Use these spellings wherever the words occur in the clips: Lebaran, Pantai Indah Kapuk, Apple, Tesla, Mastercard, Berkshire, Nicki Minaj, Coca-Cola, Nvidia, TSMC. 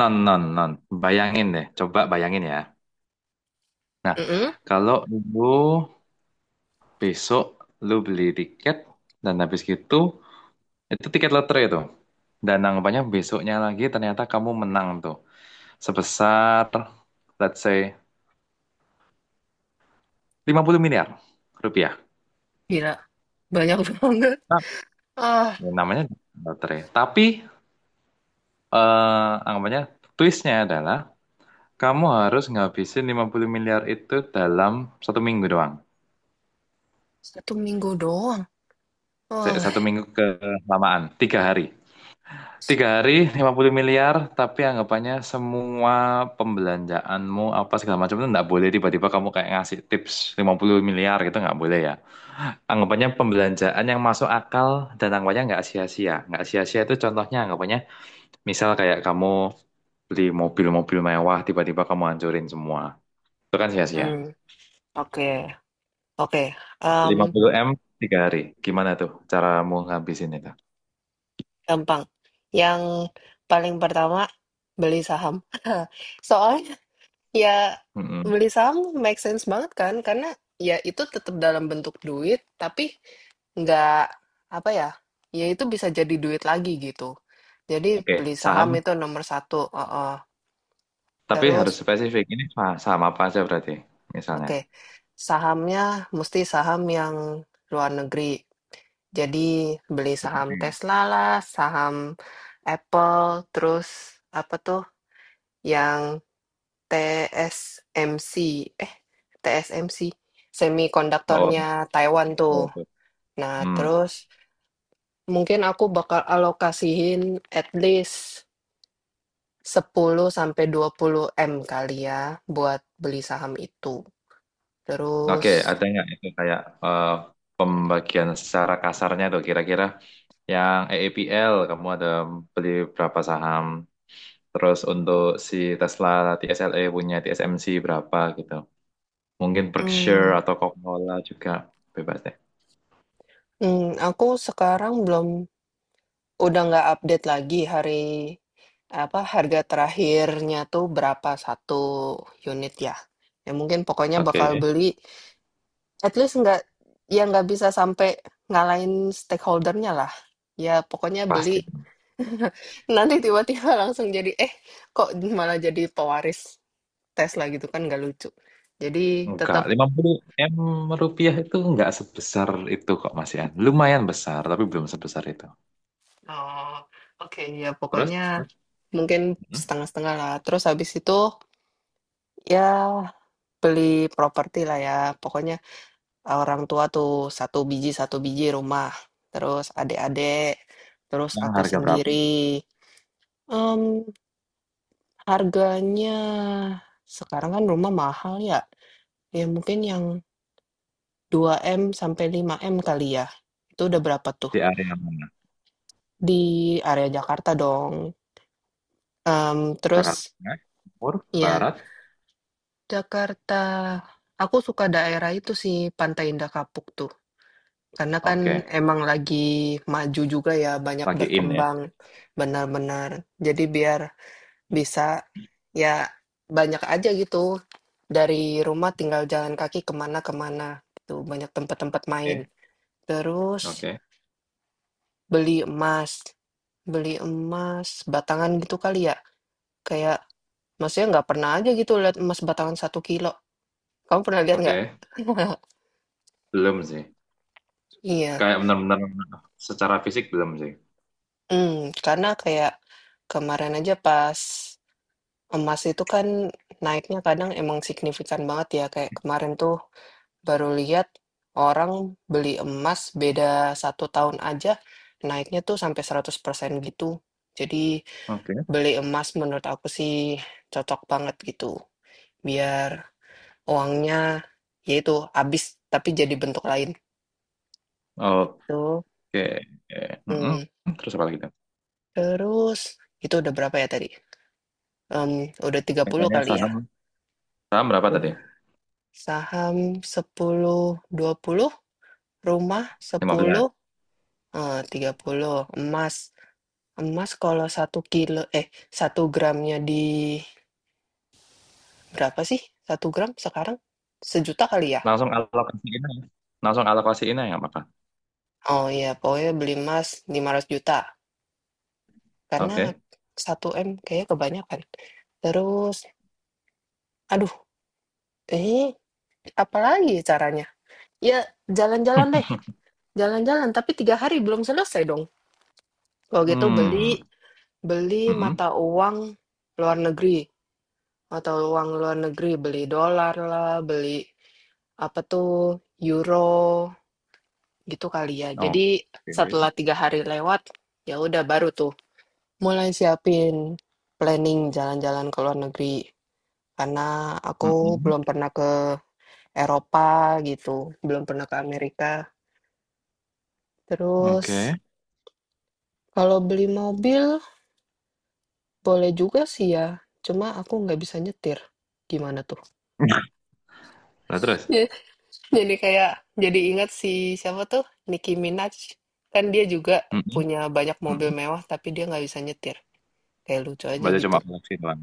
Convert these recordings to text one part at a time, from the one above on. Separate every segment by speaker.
Speaker 1: Non, non, non. Bayangin deh, coba bayangin ya. Nah,
Speaker 2: Mhm,
Speaker 1: kalau lu besok lu beli tiket dan habis gitu, itu tiket lotre tuh. Dan anggapannya besoknya lagi ternyata kamu menang tuh. Sebesar, let's say, 50 miliar rupiah.
Speaker 2: gila. Banyak banget.
Speaker 1: Nah,
Speaker 2: Ah,
Speaker 1: namanya lotre. Tapi, anggapannya twistnya adalah kamu harus ngabisin 50 miliar itu dalam satu minggu doang.
Speaker 2: satu minggu doang. Wah.
Speaker 1: Satu minggu kelamaan, tiga hari. Tiga hari, 50 miliar, tapi anggapannya semua pembelanjaanmu apa segala macam itu nggak boleh tiba-tiba kamu kayak ngasih tips 50 miliar gitu nggak boleh ya. Anggapannya pembelanjaan yang masuk akal dan anggapannya nggak sia-sia. Nggak sia-sia itu contohnya anggapannya misal kayak kamu beli mobil-mobil mewah tiba-tiba kamu hancurin semua. Itu kan sia-sia.
Speaker 2: Hmm, oke, oke. Em,
Speaker 1: 50 M tiga hari. Gimana tuh caramu ngabisin itu?
Speaker 2: Gampang. Yang paling pertama beli saham. Soalnya ya
Speaker 1: Mm-mm.
Speaker 2: beli saham make sense banget kan, karena ya itu tetap dalam bentuk duit, tapi nggak apa ya, ya itu bisa jadi duit lagi gitu. Jadi
Speaker 1: Oke,
Speaker 2: beli saham
Speaker 1: saham.
Speaker 2: itu nomor satu. Uh-uh.
Speaker 1: Tapi
Speaker 2: Terus,
Speaker 1: harus spesifik. Ini saham apa aja berarti misalnya.
Speaker 2: oke, sahamnya mesti saham yang luar negeri. Jadi beli saham
Speaker 1: Seperti.
Speaker 2: Tesla lah, saham Apple, terus apa tuh yang TSMC, eh, TSMC,
Speaker 1: Oh,
Speaker 2: semikonduktornya Taiwan tuh.
Speaker 1: betul, betul.
Speaker 2: Nah,
Speaker 1: Hmm.
Speaker 2: terus mungkin aku bakal alokasiin at least 10 sampai 20 M kali ya buat beli saham itu. Terus,
Speaker 1: Oke, ada nggak itu kayak eh, pembagian secara kasarnya tuh kira-kira yang EEPL kamu ada beli berapa saham, terus untuk si Tesla TSLE punya TSMC berapa gitu. Mungkin Berkshire
Speaker 2: hmm,
Speaker 1: atau Coca-Cola juga bebas deh.
Speaker 2: Aku sekarang belum udah nggak update lagi hari apa, harga terakhirnya tuh berapa satu unit ya. Ya mungkin pokoknya bakal
Speaker 1: Oke,
Speaker 2: beli at least nggak ya nggak bisa sampai ngalahin stakeholder-nya lah. Ya pokoknya beli,
Speaker 1: pasti.
Speaker 2: nanti tiba-tiba langsung jadi, eh, kok malah jadi pewaris Tesla gitu kan nggak lucu. Jadi
Speaker 1: Enggak,
Speaker 2: tetap,
Speaker 1: 50 M rupiah itu enggak sebesar itu kok Mas Ian. Lumayan besar, tapi belum sebesar itu.
Speaker 2: eee, oke ya
Speaker 1: Terus,
Speaker 2: pokoknya
Speaker 1: terus?
Speaker 2: mungkin
Speaker 1: Hmm?
Speaker 2: setengah-setengah lah. Terus habis itu ya beli properti lah ya, pokoknya ah, orang tua tuh satu biji rumah, terus adik-adik, terus
Speaker 1: Yang
Speaker 2: aku
Speaker 1: harga berapa?
Speaker 2: sendiri. Mmm, Harganya sekarang kan rumah mahal ya, ya mungkin yang 2 m sampai 5 m kali ya, itu udah berapa tuh?
Speaker 1: Di area mana?
Speaker 2: Di area Jakarta dong, terus
Speaker 1: Jakarta Tengah, Timur,
Speaker 2: ya
Speaker 1: Barat.
Speaker 2: Jakarta, aku suka daerah itu sih, Pantai Indah Kapuk tuh. Karena kan
Speaker 1: Oke,
Speaker 2: emang lagi maju juga ya, banyak
Speaker 1: lagi in ya.
Speaker 2: berkembang benar-benar. Jadi biar bisa ya banyak aja gitu. Dari rumah tinggal jalan kaki kemana-kemana. Tuh banyak tempat-tempat main.
Speaker 1: Oke,
Speaker 2: Terus
Speaker 1: oke,
Speaker 2: beli emas. Beli emas batangan gitu kali ya. Kayak maksudnya nggak pernah aja gitu lihat emas batangan satu kilo. Kamu pernah lihat nggak?
Speaker 1: oke. Belum sih.
Speaker 2: Iya.
Speaker 1: Kayak benar-benar secara fisik belum sih.
Speaker 2: Hmm, karena kayak kemarin aja pas emas itu kan naiknya kadang emang signifikan banget ya, kayak kemarin tuh baru lihat orang beli emas beda satu tahun aja naiknya tuh sampai 100% gitu. Jadi
Speaker 1: Oke,
Speaker 2: beli emas menurut aku sih cocok banget gitu, biar uangnya yaitu habis tapi jadi bentuk lain
Speaker 1: oke.
Speaker 2: gitu.
Speaker 1: Mm-mm.
Speaker 2: Mmm,
Speaker 1: Terus apa lagi tuh?
Speaker 2: Terus itu udah berapa ya tadi? Mmm, udah 30
Speaker 1: Katanya
Speaker 2: kali ya?
Speaker 1: saham. Saham berapa tadi?
Speaker 2: Udah. Saham 10 20, rumah
Speaker 1: Lima belas,
Speaker 2: 10, 30 emas. Emas kalau satu kilo eh, satu gramnya di berapa sih? Satu gram sekarang sejuta kali ya?
Speaker 1: langsung alokasiin aja. Langsung alokasiin aja nggak apa-apa.
Speaker 2: Oh iya, pokoknya beli emas 500 juta karena
Speaker 1: Oke.
Speaker 2: satu m kayaknya kebanyakan. Terus aduh, eh, apa lagi caranya? Ya jalan-jalan deh, jalan-jalan tapi tiga hari belum selesai dong. Kalau gitu beli
Speaker 1: Hmm.
Speaker 2: beli
Speaker 1: Mm-mm.
Speaker 2: mata uang luar negeri atau uang luar negeri beli dolar lah, beli apa tuh euro gitu kali ya. Jadi
Speaker 1: Oke.
Speaker 2: setelah tiga hari lewat ya udah baru tuh mulai siapin planning jalan-jalan ke luar negeri karena aku
Speaker 1: Mm-mm.
Speaker 2: belum pernah ke Eropa gitu, belum pernah ke Amerika. Terus
Speaker 1: Oke.
Speaker 2: kalau beli mobil boleh juga sih ya, cuma aku nggak bisa nyetir. Gimana tuh?
Speaker 1: Nah, terus?
Speaker 2: Ya jadi kayak jadi ingat si siapa tuh Nicki Minaj kan dia juga
Speaker 1: Mm-mm.
Speaker 2: punya banyak mobil
Speaker 1: Mm-mm.
Speaker 2: mewah tapi dia nggak bisa nyetir, kayak lucu aja
Speaker 1: Berarti
Speaker 2: gitu.
Speaker 1: cuma koleksi doang.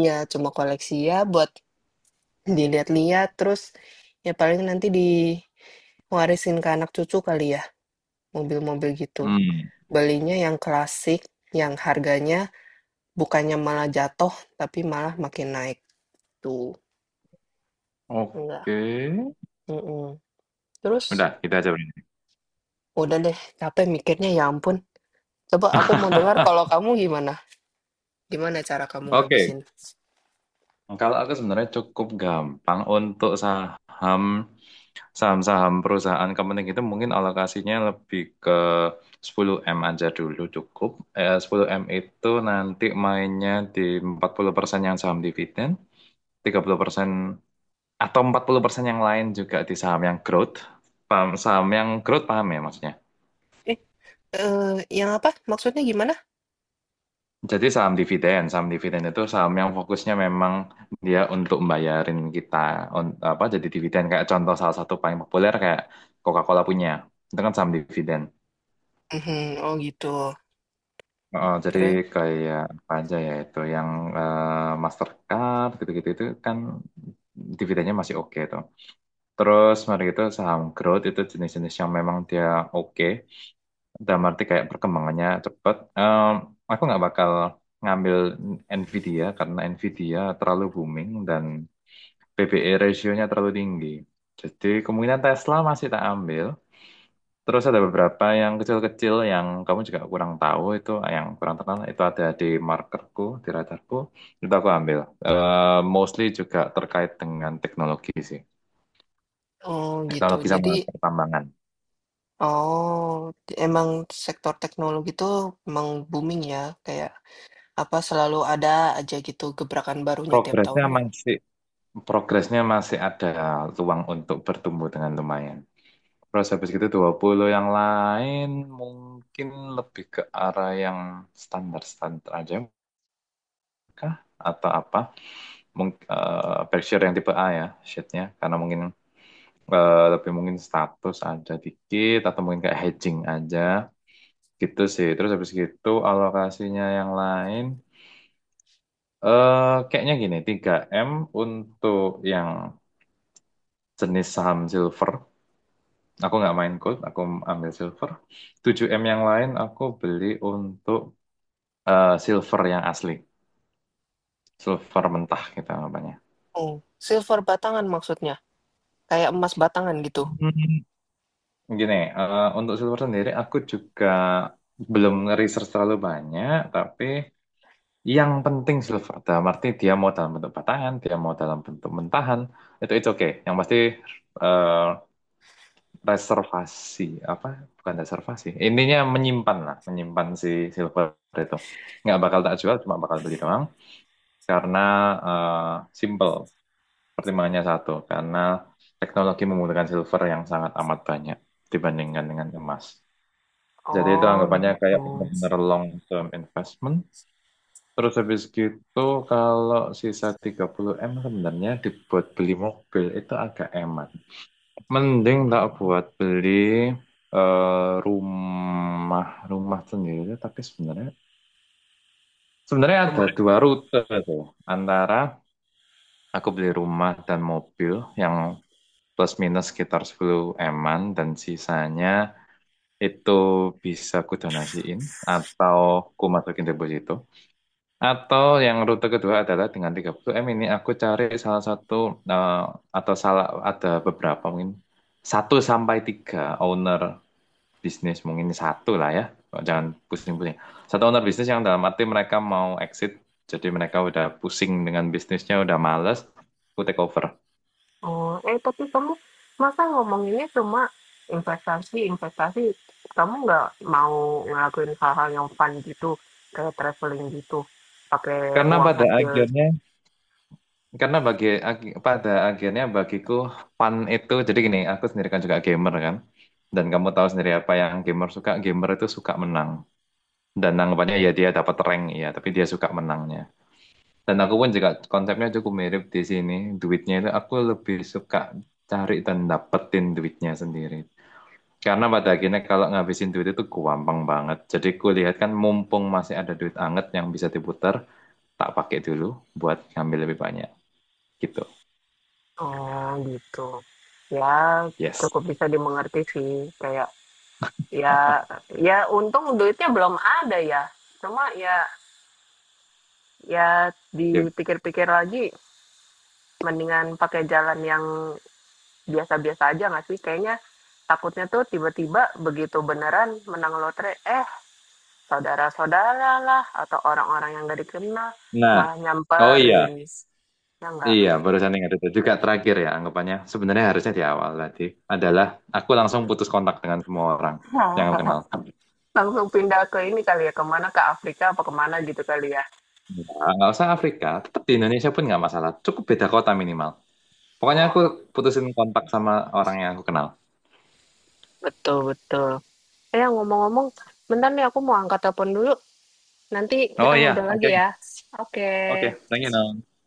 Speaker 2: Iya, cuma koleksi ya buat dilihat-lihat terus, ya paling nanti diwarisin ke anak cucu kali ya mobil-mobil gitu.
Speaker 1: Hmm.
Speaker 2: Belinya yang klasik, yang harganya bukannya malah jatuh tapi malah makin naik tuh enggak.
Speaker 1: Oke.
Speaker 2: mm Terus
Speaker 1: Udah, kita aja berarti.
Speaker 2: udah deh capek mikirnya ya ampun, coba aku mau dengar kalau kamu gimana. Gimana cara kamu
Speaker 1: Oke,
Speaker 2: ngabisin?
Speaker 1: kalau aku sebenarnya cukup gampang untuk saham saham-saham perusahaan kepenting itu mungkin alokasinya lebih ke 10M aja dulu cukup. 10M itu nanti mainnya di 40% yang saham dividen, 30% atau 40% yang lain juga di saham yang growth. Paham, saham yang growth paham ya maksudnya?
Speaker 2: Eh, yang apa? Maksudnya gimana?
Speaker 1: Jadi saham dividen itu saham yang fokusnya memang dia untuk membayarin kita apa jadi dividen kayak contoh salah satu paling populer kayak Coca-Cola punya. Itu kan saham dividen.
Speaker 2: Mhm, oh gitu.
Speaker 1: Oh, jadi
Speaker 2: Terus
Speaker 1: kayak apa aja ya itu yang Mastercard gitu-gitu itu kan dividennya masih oke tuh. Terus mari itu saham growth itu jenis-jenis yang memang dia oke. Dalam arti kayak perkembangannya cepat. Aku nggak bakal ngambil Nvidia karena Nvidia terlalu booming dan PBE rasionya terlalu tinggi. Jadi kemungkinan Tesla masih tak ambil. Terus ada beberapa yang kecil-kecil yang kamu juga kurang tahu itu, yang kurang terkenal itu ada di markerku, di radarku, itu aku ambil. Mostly juga terkait dengan teknologi sih,
Speaker 2: oh gitu.
Speaker 1: teknologi
Speaker 2: Jadi
Speaker 1: sama pertambangan.
Speaker 2: oh, emang sektor teknologi itu emang booming ya, kayak apa, selalu ada aja gitu gebrakan barunya tiap
Speaker 1: Progresnya
Speaker 2: tahunnya.
Speaker 1: masih Progresnya masih ada ruang untuk bertumbuh dengan lumayan. Terus habis gitu 20 yang lain mungkin lebih ke arah yang standar-standar aja kah? Atau apa? Mungkin berkshire yang tipe A ya, shitnya. Karena mungkin lebih mungkin status ada dikit atau mungkin kayak hedging aja gitu sih. Terus habis gitu alokasinya yang lain kayaknya gini, 3 M untuk yang jenis saham silver. Aku nggak main gold, aku ambil silver. 7 M yang lain aku beli untuk silver yang asli. Silver mentah gitu namanya.
Speaker 2: Oh, silver batangan maksudnya? Kayak emas batangan gitu?
Speaker 1: Hmm. Gini, untuk silver sendiri aku juga belum research terlalu banyak, tapi yang penting silver. Dalam arti dia mau dalam bentuk batangan, dia mau dalam bentuk mentahan, itu oke. Yang pasti eh, reservasi apa bukan reservasi intinya menyimpan lah menyimpan si silver itu nggak bakal tak jual cuma bakal beli doang karena simple pertimbangannya satu karena teknologi membutuhkan silver yang sangat amat banyak dibandingkan dengan emas jadi itu
Speaker 2: Oh
Speaker 1: anggapannya
Speaker 2: gitu.
Speaker 1: kayak benar long term investment. Terus habis gitu kalau sisa 30M sebenarnya dibuat beli mobil itu agak emas. Mending tak buat beli eh, rumah rumah sendiri, tapi sebenarnya sebenarnya ada dua rute tuh antara aku beli rumah dan mobil yang plus minus sekitar 10 eman dan sisanya itu bisa ku donasiin atau ku masukin deposito, atau yang rute kedua adalah dengan 30 M ini aku cari salah satu eh, atau salah ada beberapa mungkin satu sampai tiga owner bisnis mungkin satu lah ya. Oh, jangan pusing-pusing, satu owner bisnis yang dalam arti mereka mau exit jadi mereka udah pusing dengan bisnisnya udah males aku take over
Speaker 2: Oh, eh, tapi kamu masa ngomonginnya cuma investasi, investasi. Kamu nggak mau ngelakuin hal-hal yang fun gitu, kayak traveling gitu, pakai
Speaker 1: karena
Speaker 2: uang
Speaker 1: pada
Speaker 2: hasil.
Speaker 1: akhirnya karena pada akhirnya bagiku fun itu jadi gini aku sendiri kan juga gamer kan dan kamu tahu sendiri apa yang gamer suka gamer itu suka menang dan anggapannya ya dia dapat rank ya tapi dia suka menangnya. Dan aku pun juga konsepnya cukup mirip di sini. Duitnya itu aku lebih suka cari dan dapetin duitnya sendiri. Karena pada akhirnya kalau ngabisin duit itu gampang banget. Jadi kulihat kan mumpung masih ada duit anget yang bisa diputar, tak pakai dulu buat ngambil lebih banyak. Gitu.
Speaker 2: Oh, gitu. Ya
Speaker 1: Yes.
Speaker 2: cukup bisa dimengerti sih, kayak ya, ya untung duitnya belum ada ya. Cuma ya, ya
Speaker 1: Ya.
Speaker 2: dipikir-pikir lagi, mendingan pakai jalan yang biasa-biasa aja nggak sih? Kayaknya takutnya tuh tiba-tiba begitu beneran menang lotre, eh, saudara-saudara lah atau orang-orang yang nggak dikenal
Speaker 1: Nah,
Speaker 2: malah
Speaker 1: oh iya.
Speaker 2: nyamperin. Ya nggak?
Speaker 1: Iya, barusan ingat itu juga terakhir ya anggapannya. Sebenarnya harusnya di awal tadi adalah aku langsung putus kontak dengan semua orang yang aku kenal.
Speaker 2: Langsung pindah ke ini kali ya, kemana ke Afrika apa kemana gitu kali ya.
Speaker 1: Nah, nggak usah Afrika, tetap di Indonesia pun nggak masalah. Cukup beda kota minimal. Pokoknya aku
Speaker 2: Oh,
Speaker 1: putusin kontak sama orang yang aku kenal.
Speaker 2: betul, betul. Eh, ngomong-ngomong, bentar nih aku mau angkat telepon dulu. Nanti kita
Speaker 1: Oh iya,
Speaker 2: ngobrol lagi
Speaker 1: oke,
Speaker 2: ya. Oke.
Speaker 1: oke, thank you, Nong.